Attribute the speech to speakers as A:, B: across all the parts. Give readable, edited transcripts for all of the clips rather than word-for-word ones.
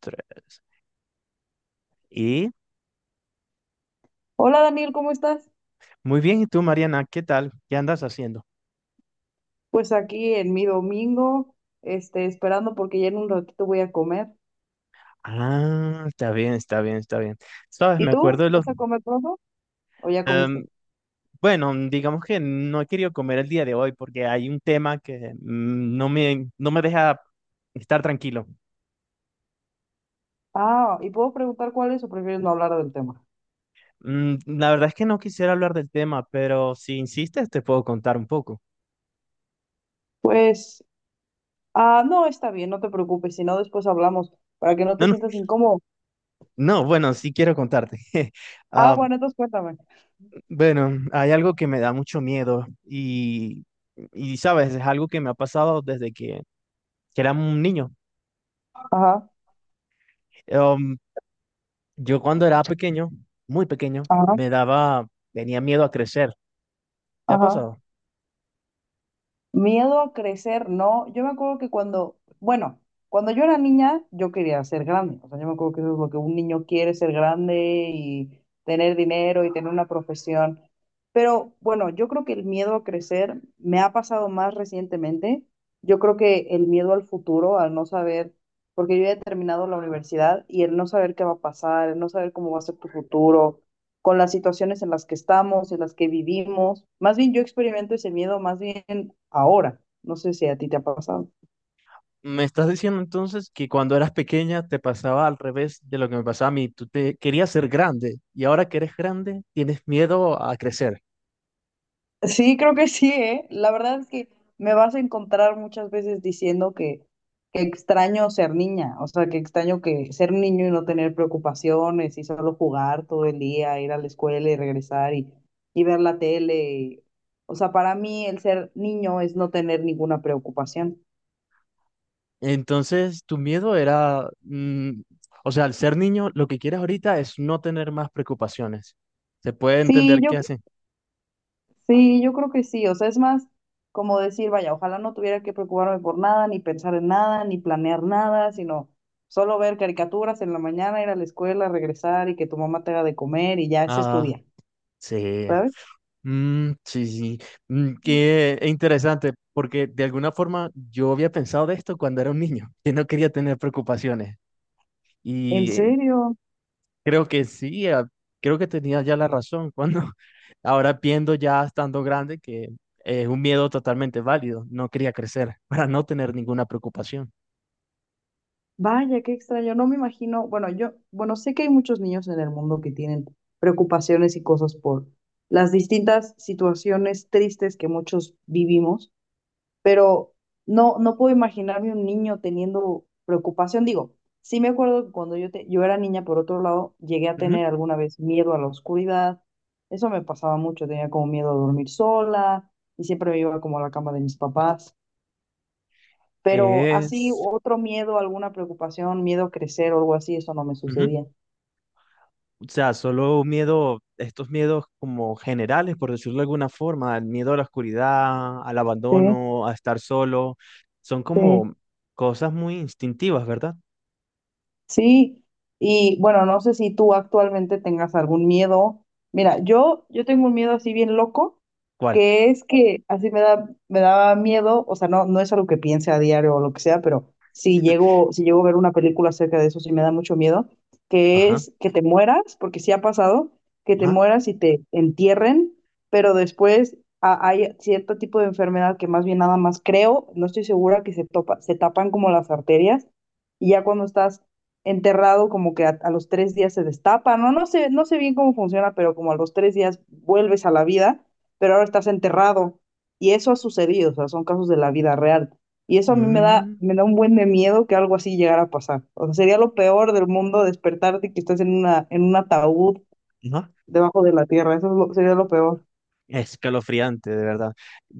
A: Tres. Y
B: Hola Daniel, ¿cómo estás?
A: muy bien, ¿y tú, Mariana? ¿Qué tal? ¿Qué andas haciendo?
B: Pues aquí en mi domingo, esperando porque ya en un ratito voy a comer.
A: Ah, está bien, está bien, está bien. Sabes,
B: ¿Y
A: me
B: tú?
A: acuerdo de los...
B: ¿Vas a comer pronto? ¿O ya
A: em,
B: comiste?
A: bueno, digamos que no he querido comer el día de hoy porque hay un tema que no me deja estar tranquilo.
B: Ah, ¿y puedo preguntar cuál es o prefieres no hablar del tema?
A: Mm, la verdad es que no quisiera hablar del tema, pero si insistes te puedo contar un poco.
B: Pues, no, está bien, no te preocupes, si no después hablamos, para que no
A: No,
B: te
A: no,
B: sientas incómodo.
A: no, bueno, sí quiero contarte.
B: Ah,
A: Ah,
B: bueno, entonces cuéntame.
A: bueno, hay algo que me da mucho miedo y sabes, es algo que me ha pasado desde que era un niño.
B: Ajá,
A: Um, yo cuando era pequeño, muy pequeño,
B: ajá,
A: me daba, tenía miedo a crecer. ¿Qué ha
B: ajá.
A: pasado?
B: Miedo a crecer, ¿no? Yo me acuerdo que cuando, bueno, cuando yo era niña, yo quería ser grande. O sea, yo me acuerdo que eso es lo que un niño quiere, ser grande y tener dinero y tener una profesión. Pero bueno, yo creo que el miedo a crecer me ha pasado más recientemente. Yo creo que el miedo al futuro, al no saber, porque yo ya he terminado la universidad y el no saber qué va a pasar, el no saber cómo va a ser tu futuro con las situaciones en las que estamos, en las que vivimos. Más bien yo experimento ese miedo más bien ahora. No sé si a ti te ha pasado.
A: ¿Me estás diciendo entonces que cuando eras pequeña te pasaba al revés de lo que me pasaba a mí? Tú te querías ser grande y ahora que eres grande tienes miedo a crecer.
B: Sí, creo que sí, ¿eh? La verdad es que me vas a encontrar muchas veces diciendo que extraño ser niña, o sea, que extraño que ser un niño y no tener preocupaciones y solo jugar todo el día, ir a la escuela y regresar y ver la tele. O sea, para mí el ser niño es no tener ninguna preocupación.
A: Entonces, tu miedo era, o sea, al ser niño, lo que quieres ahorita es no tener más preocupaciones. ¿Se puede
B: Sí,
A: entender
B: yo
A: qué hace?
B: Sí, yo creo que sí, o sea, es más como decir, vaya, ojalá no tuviera que preocuparme por nada, ni pensar en nada, ni planear nada, sino solo ver caricaturas en la mañana, ir a la escuela, regresar y que tu mamá te haga de comer y ya ese es tu
A: Ah,
B: día,
A: sí.
B: ¿sabes?
A: Mm, sí, sí. Mm, qué interesante, porque de alguna forma yo había pensado de esto cuando era un niño, que no quería tener preocupaciones.
B: En
A: Y
B: serio,
A: creo que sí, creo que tenía ya la razón cuando ahora viendo ya estando grande que es un miedo totalmente válido. No quería crecer para no tener ninguna preocupación.
B: vaya, qué extraño, no me imagino, bueno, yo, bueno, sé que hay muchos niños en el mundo que tienen preocupaciones y cosas por las distintas situaciones tristes que muchos vivimos pero no puedo imaginarme un niño teniendo preocupación. Digo, sí me acuerdo que cuando yo era niña, por otro lado, llegué a
A: Ujú.
B: tener alguna vez miedo a la oscuridad. Eso me pasaba mucho, tenía como miedo a dormir sola y siempre me iba como a la cama de mis papás. Pero así,
A: Es,
B: otro miedo, alguna preocupación, miedo a crecer o algo así, eso no me
A: ujú.
B: sucedía.
A: O sea, solo miedo, estos miedos como generales, por decirlo de alguna forma, el miedo a la oscuridad, al
B: Sí,
A: abandono, a estar solo, son
B: sí.
A: como cosas muy instintivas, ¿verdad?
B: Sí, y bueno, no sé si tú actualmente tengas algún miedo. Mira, yo tengo un miedo así bien loco,
A: ¿Cuál?
B: que es que así me da, me daba miedo, o sea, no, no es algo que piense a diario o lo que sea, pero si llego a ver una película acerca de eso, sí me da mucho miedo, que
A: Ajá,
B: es que te mueras, porque sí ha pasado, que te
A: ajá,
B: mueras y te entierren, pero después hay cierto tipo de enfermedad que más bien nada más creo, no estoy segura se tapan como las arterias. Y ya cuando estás enterrado como que a los tres días se destapa, no, no sé, no sé bien cómo funciona, pero como a los tres días vuelves a la vida, pero ahora estás enterrado. Y eso ha sucedido, o sea, son casos de la vida real. Y eso a mí
A: mm,
B: me da un buen de miedo que algo así llegara a pasar. O sea, sería lo peor del mundo despertarte y que estás en en un ataúd
A: ajá.
B: debajo de la tierra. Sería lo peor.
A: Escalofriante, de verdad.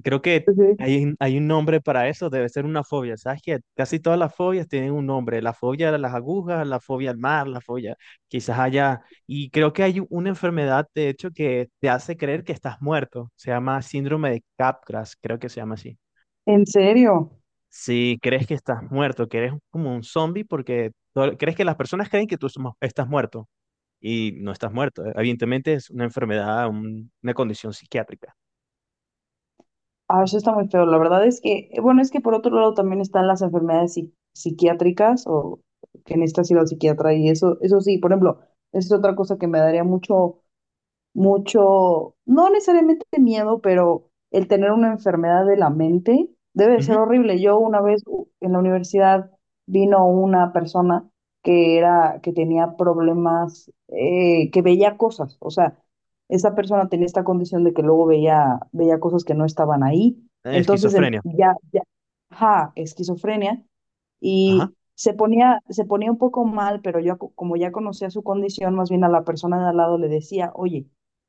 A: Creo que
B: Sí.
A: hay un nombre para eso, debe ser una fobia. ¿Sabes que casi todas las fobias tienen un nombre. La fobia a las agujas, la fobia al mar, la fobia quizás allá. Y creo que hay una enfermedad, de hecho, que te hace creer que estás muerto. Se llama síndrome de Capgras, creo que se llama así.
B: ¿En serio?
A: Si crees que estás muerto, que eres como un zombie porque crees que las personas creen que estás muerto y no estás muerto. Evidentemente es una enfermedad, una condición psiquiátrica.
B: Ah, eso está muy feo. La verdad es que, bueno, es que por otro lado también están las enfermedades psiquiátricas o que necesitas ir al psiquiatra y eso sí, por ejemplo, es otra cosa que me daría mucho mucho, no necesariamente miedo, pero el tener una enfermedad de la mente debe de ser horrible. Yo una vez en la universidad vino una persona que tenía problemas, que veía cosas. O sea, esa persona tenía esta condición de que luego veía cosas que no estaban ahí. Entonces
A: Esquizofrenia.
B: ya, ajá, esquizofrenia
A: Ajá.
B: y se ponía un poco mal, pero como ya conocía su condición, más bien a la persona de al lado le decía, oye,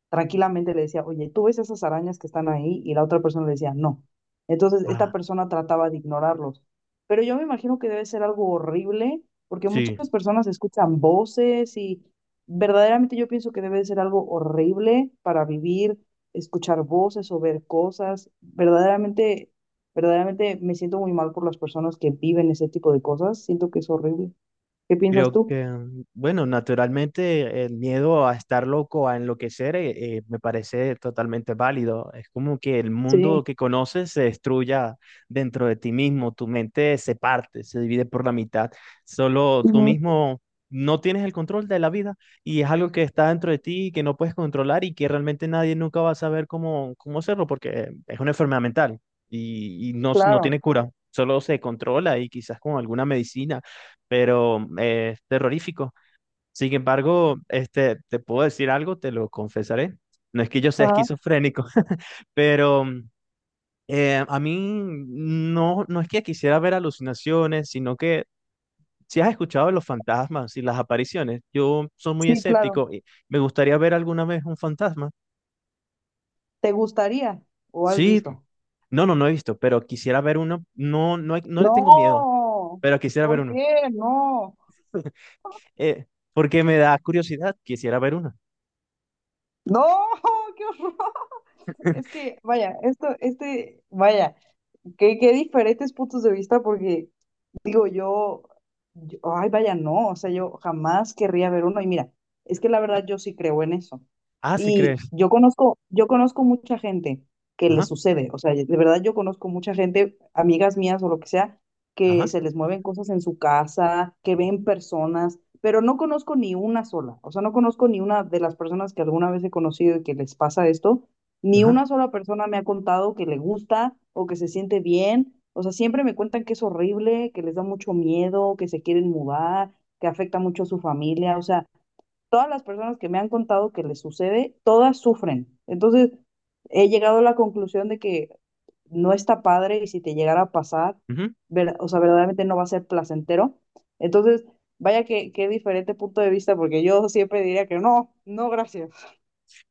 B: tranquilamente le decía, oye, ¿tú ves esas arañas que están ahí? Y la otra persona le decía, no. Entonces, esta
A: Ah,
B: persona trataba de ignorarlos. Pero yo me imagino que debe ser algo horrible, porque
A: sí.
B: muchas personas escuchan voces y verdaderamente yo pienso que debe ser algo horrible para vivir, escuchar voces o ver cosas. Verdaderamente, verdaderamente me siento muy mal por las personas que viven ese tipo de cosas. Siento que es horrible. ¿Qué piensas
A: Creo
B: tú?
A: que, bueno, naturalmente el miedo a estar loco, a enloquecer, me parece totalmente válido. Es como que el mundo
B: Sí,
A: que conoces se destruya dentro de ti mismo, tu mente se parte, se divide por la mitad. Solo tú
B: ujú,
A: mismo no tienes el control de la vida y es algo que está dentro de ti y que no puedes controlar y que realmente nadie nunca va a saber cómo hacerlo porque es una enfermedad mental y no
B: claro.
A: tiene cura. Solo se controla y quizás con alguna medicina pero es terrorífico. Sin embargo, este, te puedo decir algo, te lo confesaré. No es que yo sea
B: Ajá,
A: esquizofrénico, pero a mí no, no es que quisiera ver alucinaciones, sino que si has escuchado de los fantasmas y las apariciones, yo soy muy
B: sí, claro.
A: escéptico y me gustaría ver alguna vez un fantasma.
B: ¿Te gustaría o has
A: Sí,
B: visto?
A: no, no, no he visto, pero quisiera ver uno. No, no, no le tengo miedo,
B: No,
A: pero quisiera ver
B: ¿por
A: uno.
B: qué? No,
A: Eh, porque me da curiosidad, quisiera ver uno.
B: no, qué horror. Es que, vaya, vaya, que qué diferentes puntos de vista porque digo yo, ay, vaya, no, o sea, yo jamás querría ver uno. Y mira, es que la verdad yo sí creo en eso.
A: Ah, sí crees.
B: Y yo conozco mucha gente que le
A: Ajá.
B: sucede, o sea, de verdad yo conozco mucha gente, amigas mías o lo que sea, que
A: Ajá,
B: se les mueven cosas en su casa, que ven personas, pero no conozco ni una sola, o sea, no conozco ni una de las personas que alguna vez he conocido y que les pasa esto, ni
A: ajá.
B: una sola persona me ha contado que le gusta o que se siente bien. O sea, siempre me cuentan que es horrible, que les da mucho miedo, que se quieren mudar, que afecta mucho a su familia. O sea, todas las personas que me han contado que les sucede, todas sufren. Entonces, he llegado a la conclusión de que no está padre y si te llegara a pasar,
A: Ujú.
B: o sea, verdaderamente no va a ser placentero. Entonces, vaya que qué diferente punto de vista, porque yo siempre diría que no, no, gracias.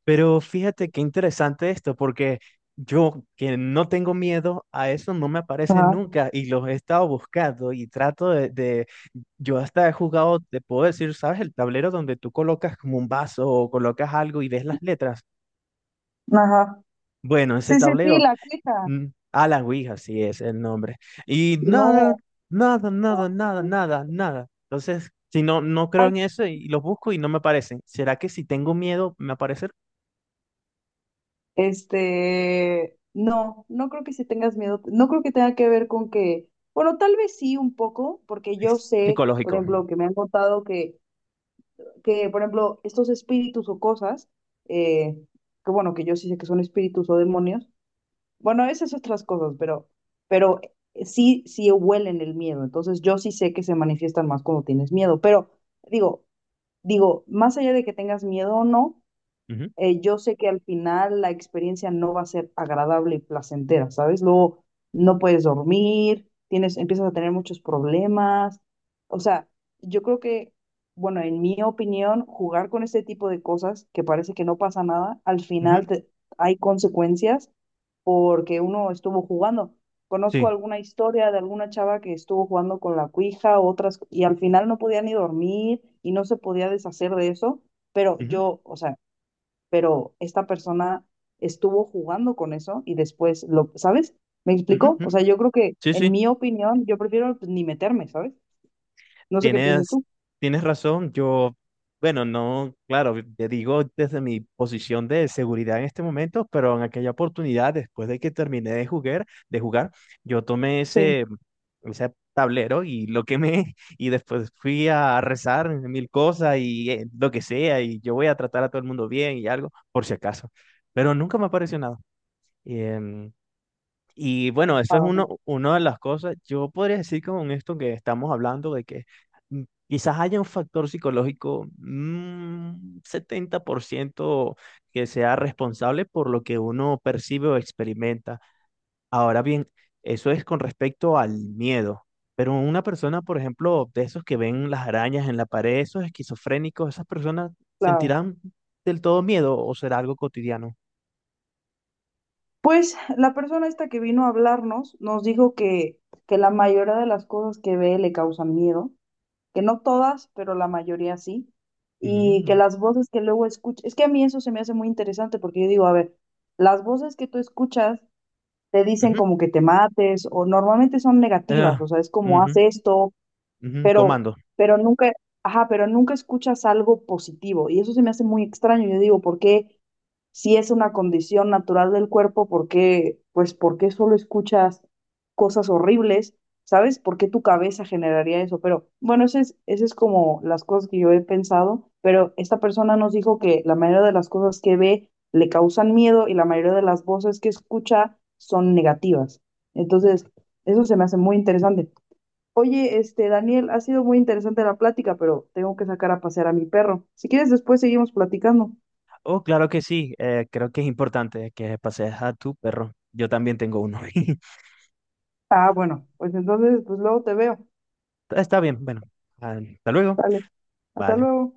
A: Pero fíjate qué interesante esto, porque yo que no tengo miedo a eso, no me aparece
B: Ajá,
A: nunca y los he estado buscando y trato yo hasta he jugado, te puedo decir, ¿sabes? El tablero donde tú colocas como un vaso o colocas algo y ves las letras.
B: ajá.
A: Bueno, ese
B: Sí, sí, sí,
A: tablero,
B: la queja.
A: mm, a la Ouija, sí es el nombre. Y nada,
B: No,
A: nada, nada, nada, nada, nada. Entonces, si no creo en eso y los busco y no me aparecen. ¿Será que si tengo miedo, me aparece?
B: este, no, no creo que si tengas miedo, no creo que tenga que ver con que, bueno, tal vez sí un poco, porque yo
A: Es
B: sé, por
A: psicológico.
B: ejemplo, que me han contado que, por ejemplo, estos espíritus o cosas, eh, que bueno, que yo sí sé que son espíritus o demonios, bueno, esas otras cosas, pero sí, sí huelen el miedo, entonces yo sí sé que se manifiestan más cuando tienes miedo, pero digo, digo, más allá de que tengas miedo o no,
A: Ujú,
B: yo sé que al final la experiencia no va a ser agradable y placentera, ¿sabes? Luego no puedes dormir, tienes, empiezas a tener muchos problemas. O sea, yo creo que, bueno, en mi opinión, jugar con este tipo de cosas que parece que no pasa nada,
A: ujú,
B: hay consecuencias porque uno estuvo jugando. Conozco
A: sí.
B: alguna historia de alguna chava que estuvo jugando con la cuija, otras, y al final no podía ni dormir y no se podía deshacer de eso pero
A: Ujú,
B: pero esta persona estuvo jugando con eso y después lo, ¿sabes? ¿Me
A: ujú,
B: explico?
A: ujú.
B: O sea, yo creo que,
A: Sí, sí.
B: en mi opinión, yo prefiero pues, ni meterme, ¿sabes? No sé qué piensas
A: Tienes,
B: tú.
A: tienes razón. Yo, bueno, no, claro, te digo desde mi posición de seguridad en este momento, pero en aquella oportunidad, después de que terminé de jugar, yo tomé
B: Sí,
A: ese tablero y lo quemé y después fui a rezar mil cosas y lo que sea y yo voy a tratar a todo el mundo bien y algo, por si acaso. Pero nunca me apareció nada. Em, Y bueno, eso es
B: ah,
A: una de las cosas. Yo podría decir con esto que estamos hablando de que mm, quizás haya un factor psicológico, 70% que sea responsable por lo que uno percibe o experimenta. Ahora bien, eso es con respecto al miedo. Pero una persona, por ejemplo, de esos que ven las arañas en la pared, esos esquizofrénicos, esas personas
B: claro.
A: sentirán del todo miedo o será algo cotidiano.
B: Pues la persona esta que vino a hablarnos nos dijo que la mayoría de las cosas que ve le causan miedo, que no todas, pero la mayoría sí, y que
A: Mm,
B: las voces que luego escucha, es que a mí eso se me hace muy interesante porque yo digo, a ver, las voces que tú escuchas te dicen
A: ujú,
B: como que te mates o normalmente son
A: eh,
B: negativas, o sea, es como haz
A: ujú,
B: esto,
A: ujú,
B: pero,
A: Comando.
B: pero nunca, ajá, pero nunca escuchas algo positivo y eso se me hace muy extraño. Yo digo, ¿por qué si es una condición natural del cuerpo, por qué, pues, por qué solo escuchas cosas horribles? ¿Sabes? ¿Por qué tu cabeza generaría eso? Pero bueno, ese es como las cosas que yo he pensado, pero esta persona nos dijo que la mayoría de las cosas que ve le causan miedo y la mayoría de las voces que escucha son negativas. Entonces, eso se me hace muy interesante. Oye, este, Daniel, ha sido muy interesante la plática, pero tengo que sacar a pasear a mi perro. Si quieres, después seguimos platicando.
A: Oh, claro que sí. Creo que es importante que pasees a tu perro. Yo también tengo uno.
B: Ah, bueno, pues entonces, pues luego te veo.
A: Está bien, bueno. Ah, hasta luego.
B: Dale, hasta
A: Vale.
B: luego.